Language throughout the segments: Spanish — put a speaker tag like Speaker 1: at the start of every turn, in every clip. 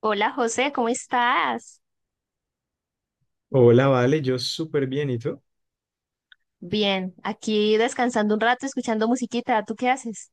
Speaker 1: Hola José, ¿cómo estás?
Speaker 2: Hola, vale, yo súper bien, ¿y tú?
Speaker 1: Bien, aquí descansando un rato, escuchando musiquita. ¿Tú qué haces?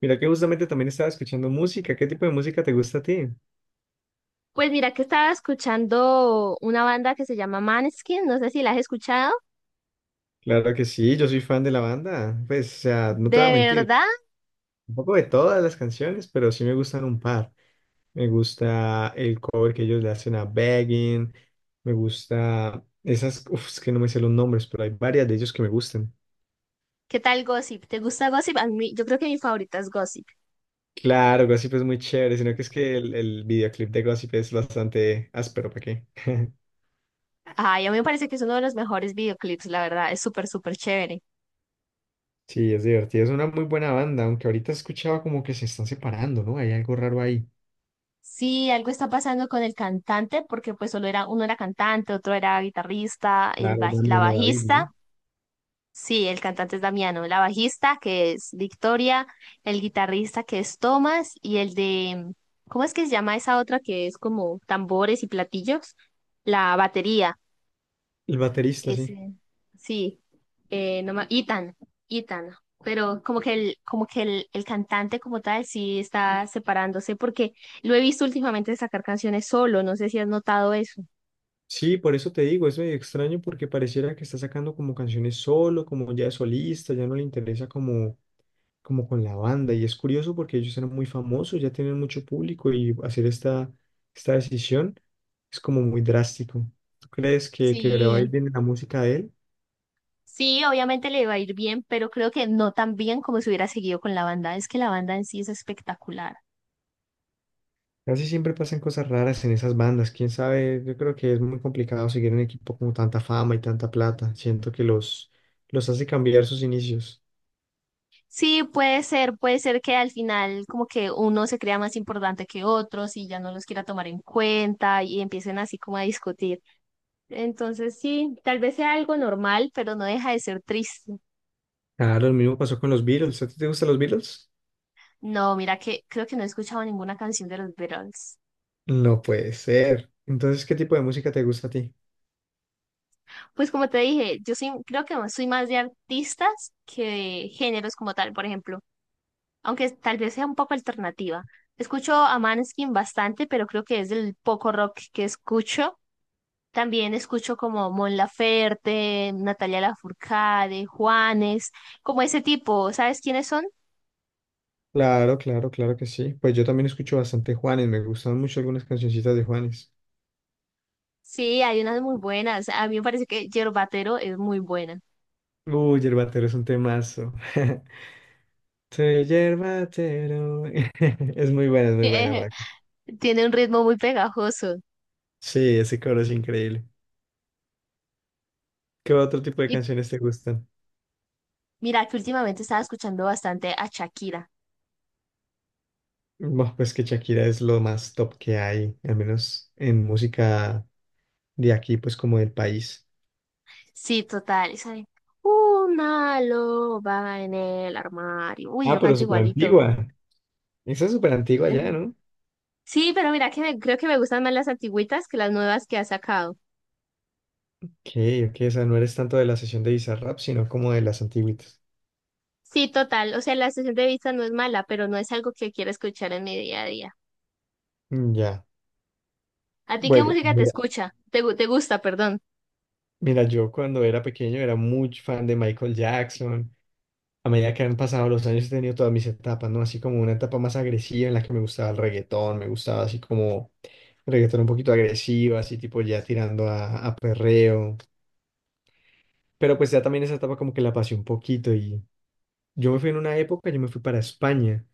Speaker 2: Mira que justamente también estaba escuchando música. ¿Qué tipo de música te gusta a ti?
Speaker 1: Pues mira que estaba escuchando una banda que se llama Maneskin, no sé si la has escuchado.
Speaker 2: Claro que sí, yo soy fan de la banda. Pues, o sea, no te voy
Speaker 1: ¿De
Speaker 2: a mentir,
Speaker 1: verdad?
Speaker 2: un poco de todas las canciones, pero sí me gustan un par. Me gusta el cover que ellos le hacen a Begging, me gusta esas, es que no me sé los nombres, pero hay varias de ellos que me gustan.
Speaker 1: ¿Qué tal Gossip? ¿Te gusta Gossip? A mí, yo creo que mi favorita es Gossip.
Speaker 2: Claro, Gossip es muy chévere, sino que es que el videoclip de Gossip es bastante áspero, ¿para qué?
Speaker 1: Ay, a mí me parece que es uno de los mejores videoclips, la verdad. Es súper, súper chévere.
Speaker 2: Sí, es divertido, es una muy buena banda, aunque ahorita he escuchado como que se están separando, ¿no? Hay algo raro ahí.
Speaker 1: Sí, algo está pasando con el cantante, porque pues solo era, uno era cantante, otro era guitarrista,
Speaker 2: Claro,
Speaker 1: la
Speaker 2: Damiano David,
Speaker 1: bajista.
Speaker 2: ¿no?
Speaker 1: Sí, el cantante es Damiano, la bajista que es Victoria, el guitarrista que es Tomás y el de, ¿cómo es que se llama esa otra que es como tambores y platillos? La batería,
Speaker 2: El baterista, sí.
Speaker 1: ese, sí, no ma- Ethan, pero el cantante como tal sí está separándose porque lo he visto últimamente sacar canciones solo, no sé si has notado eso.
Speaker 2: Sí, por eso te digo, es medio extraño porque pareciera que está sacando como canciones solo, como ya de solista, ya no le interesa como, como con la banda. Y es curioso porque ellos eran muy famosos, ya tienen mucho público y hacer esta decisión es como muy drástico. ¿Tú crees que le va a ir
Speaker 1: Sí.
Speaker 2: bien en la música de él?
Speaker 1: Sí, obviamente le va a ir bien, pero creo que no tan bien como si hubiera seguido con la banda. Es que la banda en sí es espectacular.
Speaker 2: Casi siempre pasan cosas raras en esas bandas. Quién sabe, yo creo que es muy complicado seguir un equipo con tanta fama y tanta plata. Siento que los hace cambiar sus inicios.
Speaker 1: Sí, puede ser que al final como que uno se crea más importante que otros y ya no los quiera tomar en cuenta y empiecen así como a discutir. Entonces sí, tal vez sea algo normal, pero no deja de ser triste.
Speaker 2: Claro, lo mismo pasó con los Beatles. ¿A ti te gustan los Beatles?
Speaker 1: No, mira que creo que no he escuchado ninguna canción de los Beatles.
Speaker 2: No puede ser. Entonces, ¿qué tipo de música te gusta a ti?
Speaker 1: Pues como te dije, creo que soy más de artistas que de géneros como tal. Por ejemplo, aunque tal vez sea un poco alternativa. Escucho a Maneskin bastante, pero creo que es el poco rock que escucho. También escucho como Mon Laferte, Natalia Lafourcade, Juanes, como ese tipo. ¿Sabes quiénes son?
Speaker 2: Claro, claro, claro que sí. Pues yo también escucho bastante Juanes. Me gustan mucho algunas cancioncitas de Juanes.
Speaker 1: Sí, hay unas muy buenas. A mí me parece que Yerbatero es muy buena.
Speaker 2: Uy, Yerbatero es un temazo. Soy Yerbatero. Es muy buena, Franco.
Speaker 1: Tiene un ritmo muy pegajoso.
Speaker 2: Sí, ese coro es increíble. ¿Qué otro tipo de
Speaker 1: Y
Speaker 2: canciones te gustan?
Speaker 1: mira que últimamente estaba escuchando bastante a Shakira.
Speaker 2: Buah, pues que Shakira es lo más top que hay, al menos en música de aquí, pues como del país.
Speaker 1: Sí, total. Una loba en el armario. Uy,
Speaker 2: Ah,
Speaker 1: yo
Speaker 2: pero
Speaker 1: canto
Speaker 2: súper
Speaker 1: igualito.
Speaker 2: antigua. Esa es súper antigua ya, ¿no?
Speaker 1: Sí, pero mira que creo que me gustan más las antigüitas que las nuevas que ha sacado.
Speaker 2: Ok, ok, o sea, no eres tanto de la sesión de Bizarrap, sino como de las antiguitas.
Speaker 1: Sí, total. O sea, la sesión de vista no es mala, pero no es algo que quiera escuchar en mi día a día.
Speaker 2: Mm, ya.
Speaker 1: ¿A ti qué
Speaker 2: Bueno,
Speaker 1: música te
Speaker 2: mira,
Speaker 1: escucha? Te gusta, perdón.
Speaker 2: mira, yo cuando era pequeño era muy fan de Michael Jackson. A medida que han pasado los años he tenido todas mis etapas, ¿no? Así como una etapa más agresiva en la que me gustaba el reggaetón, me gustaba así como reggaetón un poquito agresivo, así tipo ya tirando a perreo. Pero pues ya también esa etapa como que la pasé un poquito y yo me fui en una época, yo me fui para España.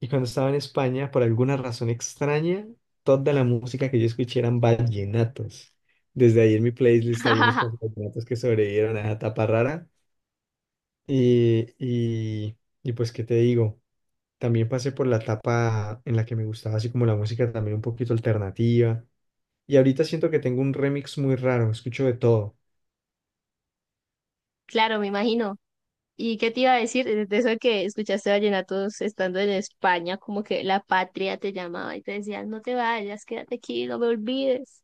Speaker 2: Y cuando estaba en España, por alguna razón extraña, toda la música que yo escuché eran vallenatos. Desde ahí en mi playlist hay unos cuantos vallenatos que sobrevivieron a esa etapa rara. Y, y, y pues, ¿qué te digo? También pasé por la etapa en la que me gustaba así como la música también un poquito alternativa. Y ahorita siento que tengo un remix muy raro, escucho de todo.
Speaker 1: Claro, me imagino. ¿Y qué te iba a decir? De eso de que escuchaste vallenatos estando en España, como que la patria te llamaba y te decía, no te vayas, quédate aquí, no me olvides.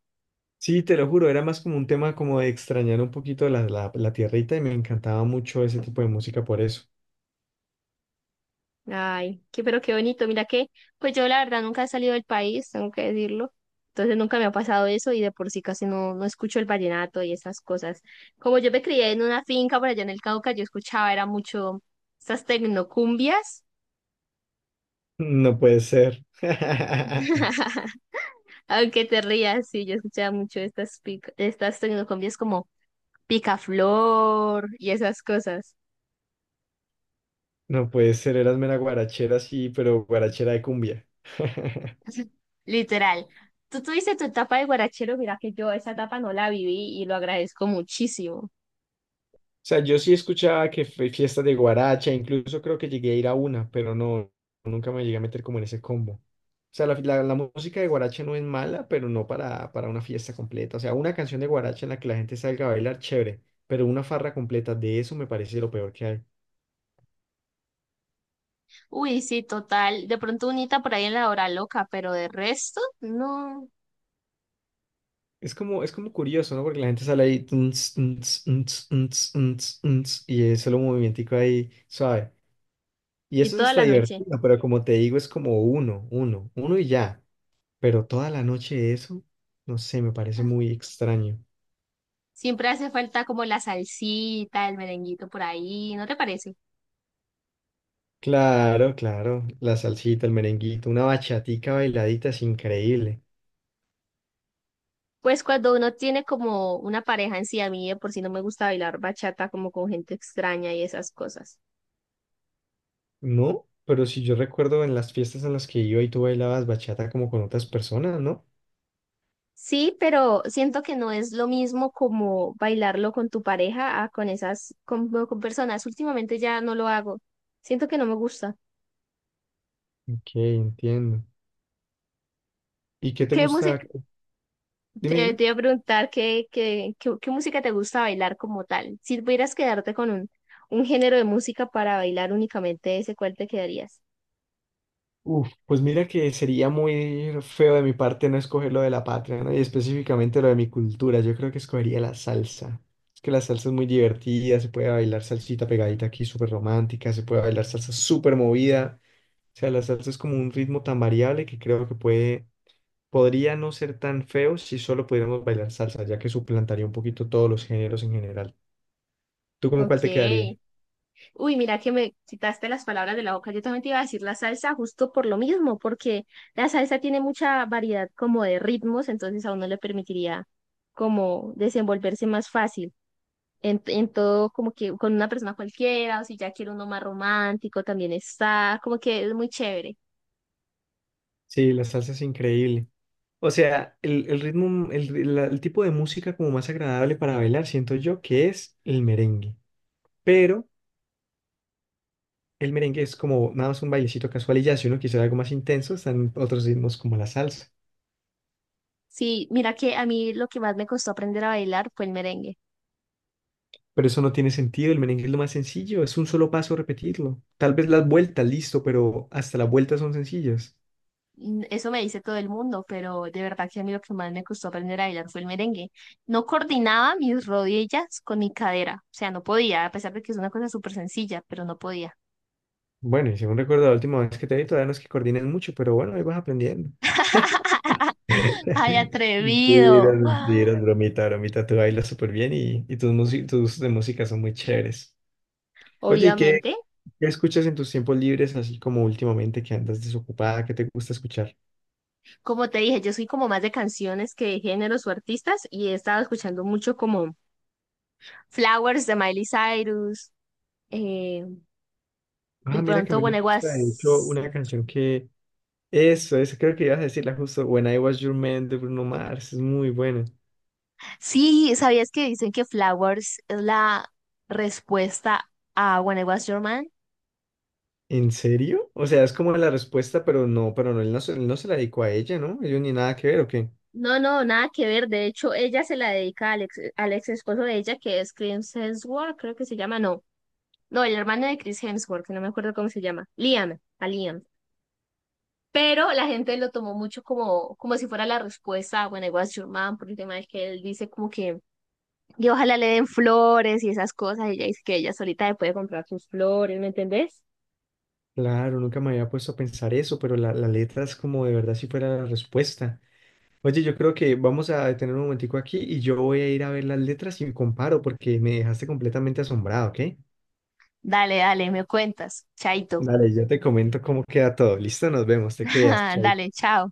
Speaker 2: Sí, te lo juro, era más como un tema como de extrañar un poquito la tierrita y me encantaba mucho ese tipo de música por eso.
Speaker 1: Ay, qué, pero qué bonito. Mira que, pues yo la verdad nunca he salido del país, tengo que decirlo. Entonces nunca me ha pasado eso y de por sí casi no escucho el vallenato y esas cosas. Como yo me crié en una finca por allá en el Cauca, yo escuchaba, era mucho estas tecnocumbias.
Speaker 2: No puede ser.
Speaker 1: Aunque te rías, sí, yo escuchaba mucho estas tecnocumbias como Picaflor y esas cosas.
Speaker 2: No puede ser, eras mera guarachera, sí, pero guarachera de cumbia.
Speaker 1: Literal. Tú tuviste tu etapa de guarachero, mira que yo esa etapa no la viví y lo agradezco muchísimo.
Speaker 2: Sea, yo sí escuchaba que fue fiesta de guaracha, incluso creo que llegué a ir a una, pero no, nunca me llegué a meter como en ese combo. O sea, la música de guaracha no es mala, pero no para una fiesta completa. O sea, una canción de guaracha en la que la gente salga a bailar, chévere, pero una farra completa de eso me parece lo peor que hay.
Speaker 1: Uy, sí, total. De pronto unita por ahí en la hora loca, pero de resto, no.
Speaker 2: Es como curioso, ¿no? Porque la gente sale ahí tuns, tuns, tuns, tuns, tuns, tuns, y es solo un movimentico ahí suave. Y
Speaker 1: Y
Speaker 2: eso es
Speaker 1: toda
Speaker 2: hasta
Speaker 1: la noche.
Speaker 2: divertido, pero como te digo, es como uno, uno, uno y ya. Pero toda la noche eso, no sé, me parece muy extraño.
Speaker 1: Siempre hace falta como la salsita, el merenguito por ahí, ¿no te parece?
Speaker 2: Claro, claro, la salsita, el merenguito, una bachatica bailadita es increíble,
Speaker 1: Pues cuando uno tiene como una pareja en sí, a mí de por sí no me gusta bailar bachata como con gente extraña y esas cosas.
Speaker 2: ¿no? Pero si yo recuerdo en las fiestas en las que iba y tú bailabas bachata como con otras personas, ¿no?
Speaker 1: Sí, pero siento que no es lo mismo como bailarlo con tu pareja a con personas. Últimamente ya no lo hago. Siento que no me gusta.
Speaker 2: Ok, entiendo. ¿Y qué te
Speaker 1: ¿Qué
Speaker 2: gusta?
Speaker 1: música?
Speaker 2: Dime,
Speaker 1: Te,
Speaker 2: dime.
Speaker 1: te iba a preguntar qué música te gusta bailar como tal. Si pudieras quedarte con un género de música para bailar únicamente ese, ¿cuál te quedarías?
Speaker 2: Uf, pues mira que sería muy feo de mi parte no escoger lo de la patria, ¿no? Y específicamente lo de mi cultura. Yo creo que escogería la salsa. Es que la salsa es muy divertida, se puede bailar salsita pegadita aquí, súper romántica, se puede bailar salsa súper movida. O sea, la salsa es como un ritmo tan variable que creo que puede, podría no ser tan feo si solo pudiéramos bailar salsa, ya que suplantaría un poquito todos los géneros en general. ¿Tú con cuál te quedarías?
Speaker 1: Ok. Uy, mira que me quitaste las palabras de la boca. Yo también te iba a decir la salsa justo por lo mismo, porque la salsa tiene mucha variedad como de ritmos, entonces a uno le permitiría como desenvolverse más fácil en todo, como que con una persona cualquiera, o si ya quiere uno más romántico, también está, como que es muy chévere.
Speaker 2: Sí, la salsa es increíble. O sea, el ritmo, el tipo de música como más agradable para bailar, siento yo que es el merengue. Pero el merengue es como nada más un bailecito casual y ya, si uno quisiera algo más intenso, están otros ritmos como la salsa.
Speaker 1: Sí, mira que a mí lo que más me costó aprender a bailar fue el merengue.
Speaker 2: Pero eso no tiene sentido, el merengue es lo más sencillo, es un solo paso repetirlo. Tal vez las vueltas, listo, pero hasta las vueltas son sencillas.
Speaker 1: Mm, eso me dice todo el mundo, pero de verdad que a mí lo que más me costó aprender a bailar fue el merengue. No coordinaba mis rodillas con mi cadera, o sea, no podía, a pesar de que es una cosa súper sencilla, pero no podía.
Speaker 2: Bueno, y según recuerdo la última vez que te vi, todavía no es que coordines mucho, pero bueno, ahí vas aprendiendo.
Speaker 1: ¡Ay,
Speaker 2: Mentiras,
Speaker 1: atrevido! ¡Ah!
Speaker 2: mentiras, bromita, bromita, tú bailas súper bien y, tus, tus gustos de música son muy chéveres. Oye, ¿y
Speaker 1: Obviamente,
Speaker 2: qué escuchas en tus tiempos libres, así como últimamente que andas desocupada? ¿Qué te gusta escuchar?
Speaker 1: como te dije, yo soy como más de canciones que de géneros o artistas y he estado escuchando mucho como Flowers de Miley Cyrus, eh, de
Speaker 2: Ah, mira que a
Speaker 1: pronto
Speaker 2: mí
Speaker 1: When
Speaker 2: me
Speaker 1: I
Speaker 2: gusta, de hecho,
Speaker 1: Was.
Speaker 2: una canción que... Eso creo que ibas a decirla justo, When I Was Your Man de Bruno Mars, es muy buena.
Speaker 1: Sí, ¿sabías que dicen que Flowers es la respuesta a When I Was Your Man?
Speaker 2: ¿En serio? O sea, es como la respuesta, pero no, él él no se la dedicó a ella, ¿no? Ellos ni nada que ver, ¿o qué?
Speaker 1: No, no, nada que ver. De hecho, ella se la dedica al ex esposo de ella, que es Chris Hemsworth, creo que se llama, no. No, el hermano de Chris Hemsworth, que no me acuerdo cómo se llama. A Liam. Pero la gente lo tomó mucho como si fuera la respuesta a When I Was Your Man, por el tema de que él dice como que, y ojalá le den flores y esas cosas. Y ella dice que ella solita le puede comprar sus flores, ¿me entendés?
Speaker 2: Claro, nunca me había puesto a pensar eso, pero la letra es como de verdad si fuera la respuesta. Oye, yo creo que vamos a detener un momentico aquí y yo voy a ir a ver las letras y comparo porque me dejaste completamente asombrado, ¿ok?
Speaker 1: Dale, dale, me cuentas. Chaito.
Speaker 2: Dale, yo te comento cómo queda todo. Listo, nos vemos, te cuidas. Chao.
Speaker 1: Dale, chao.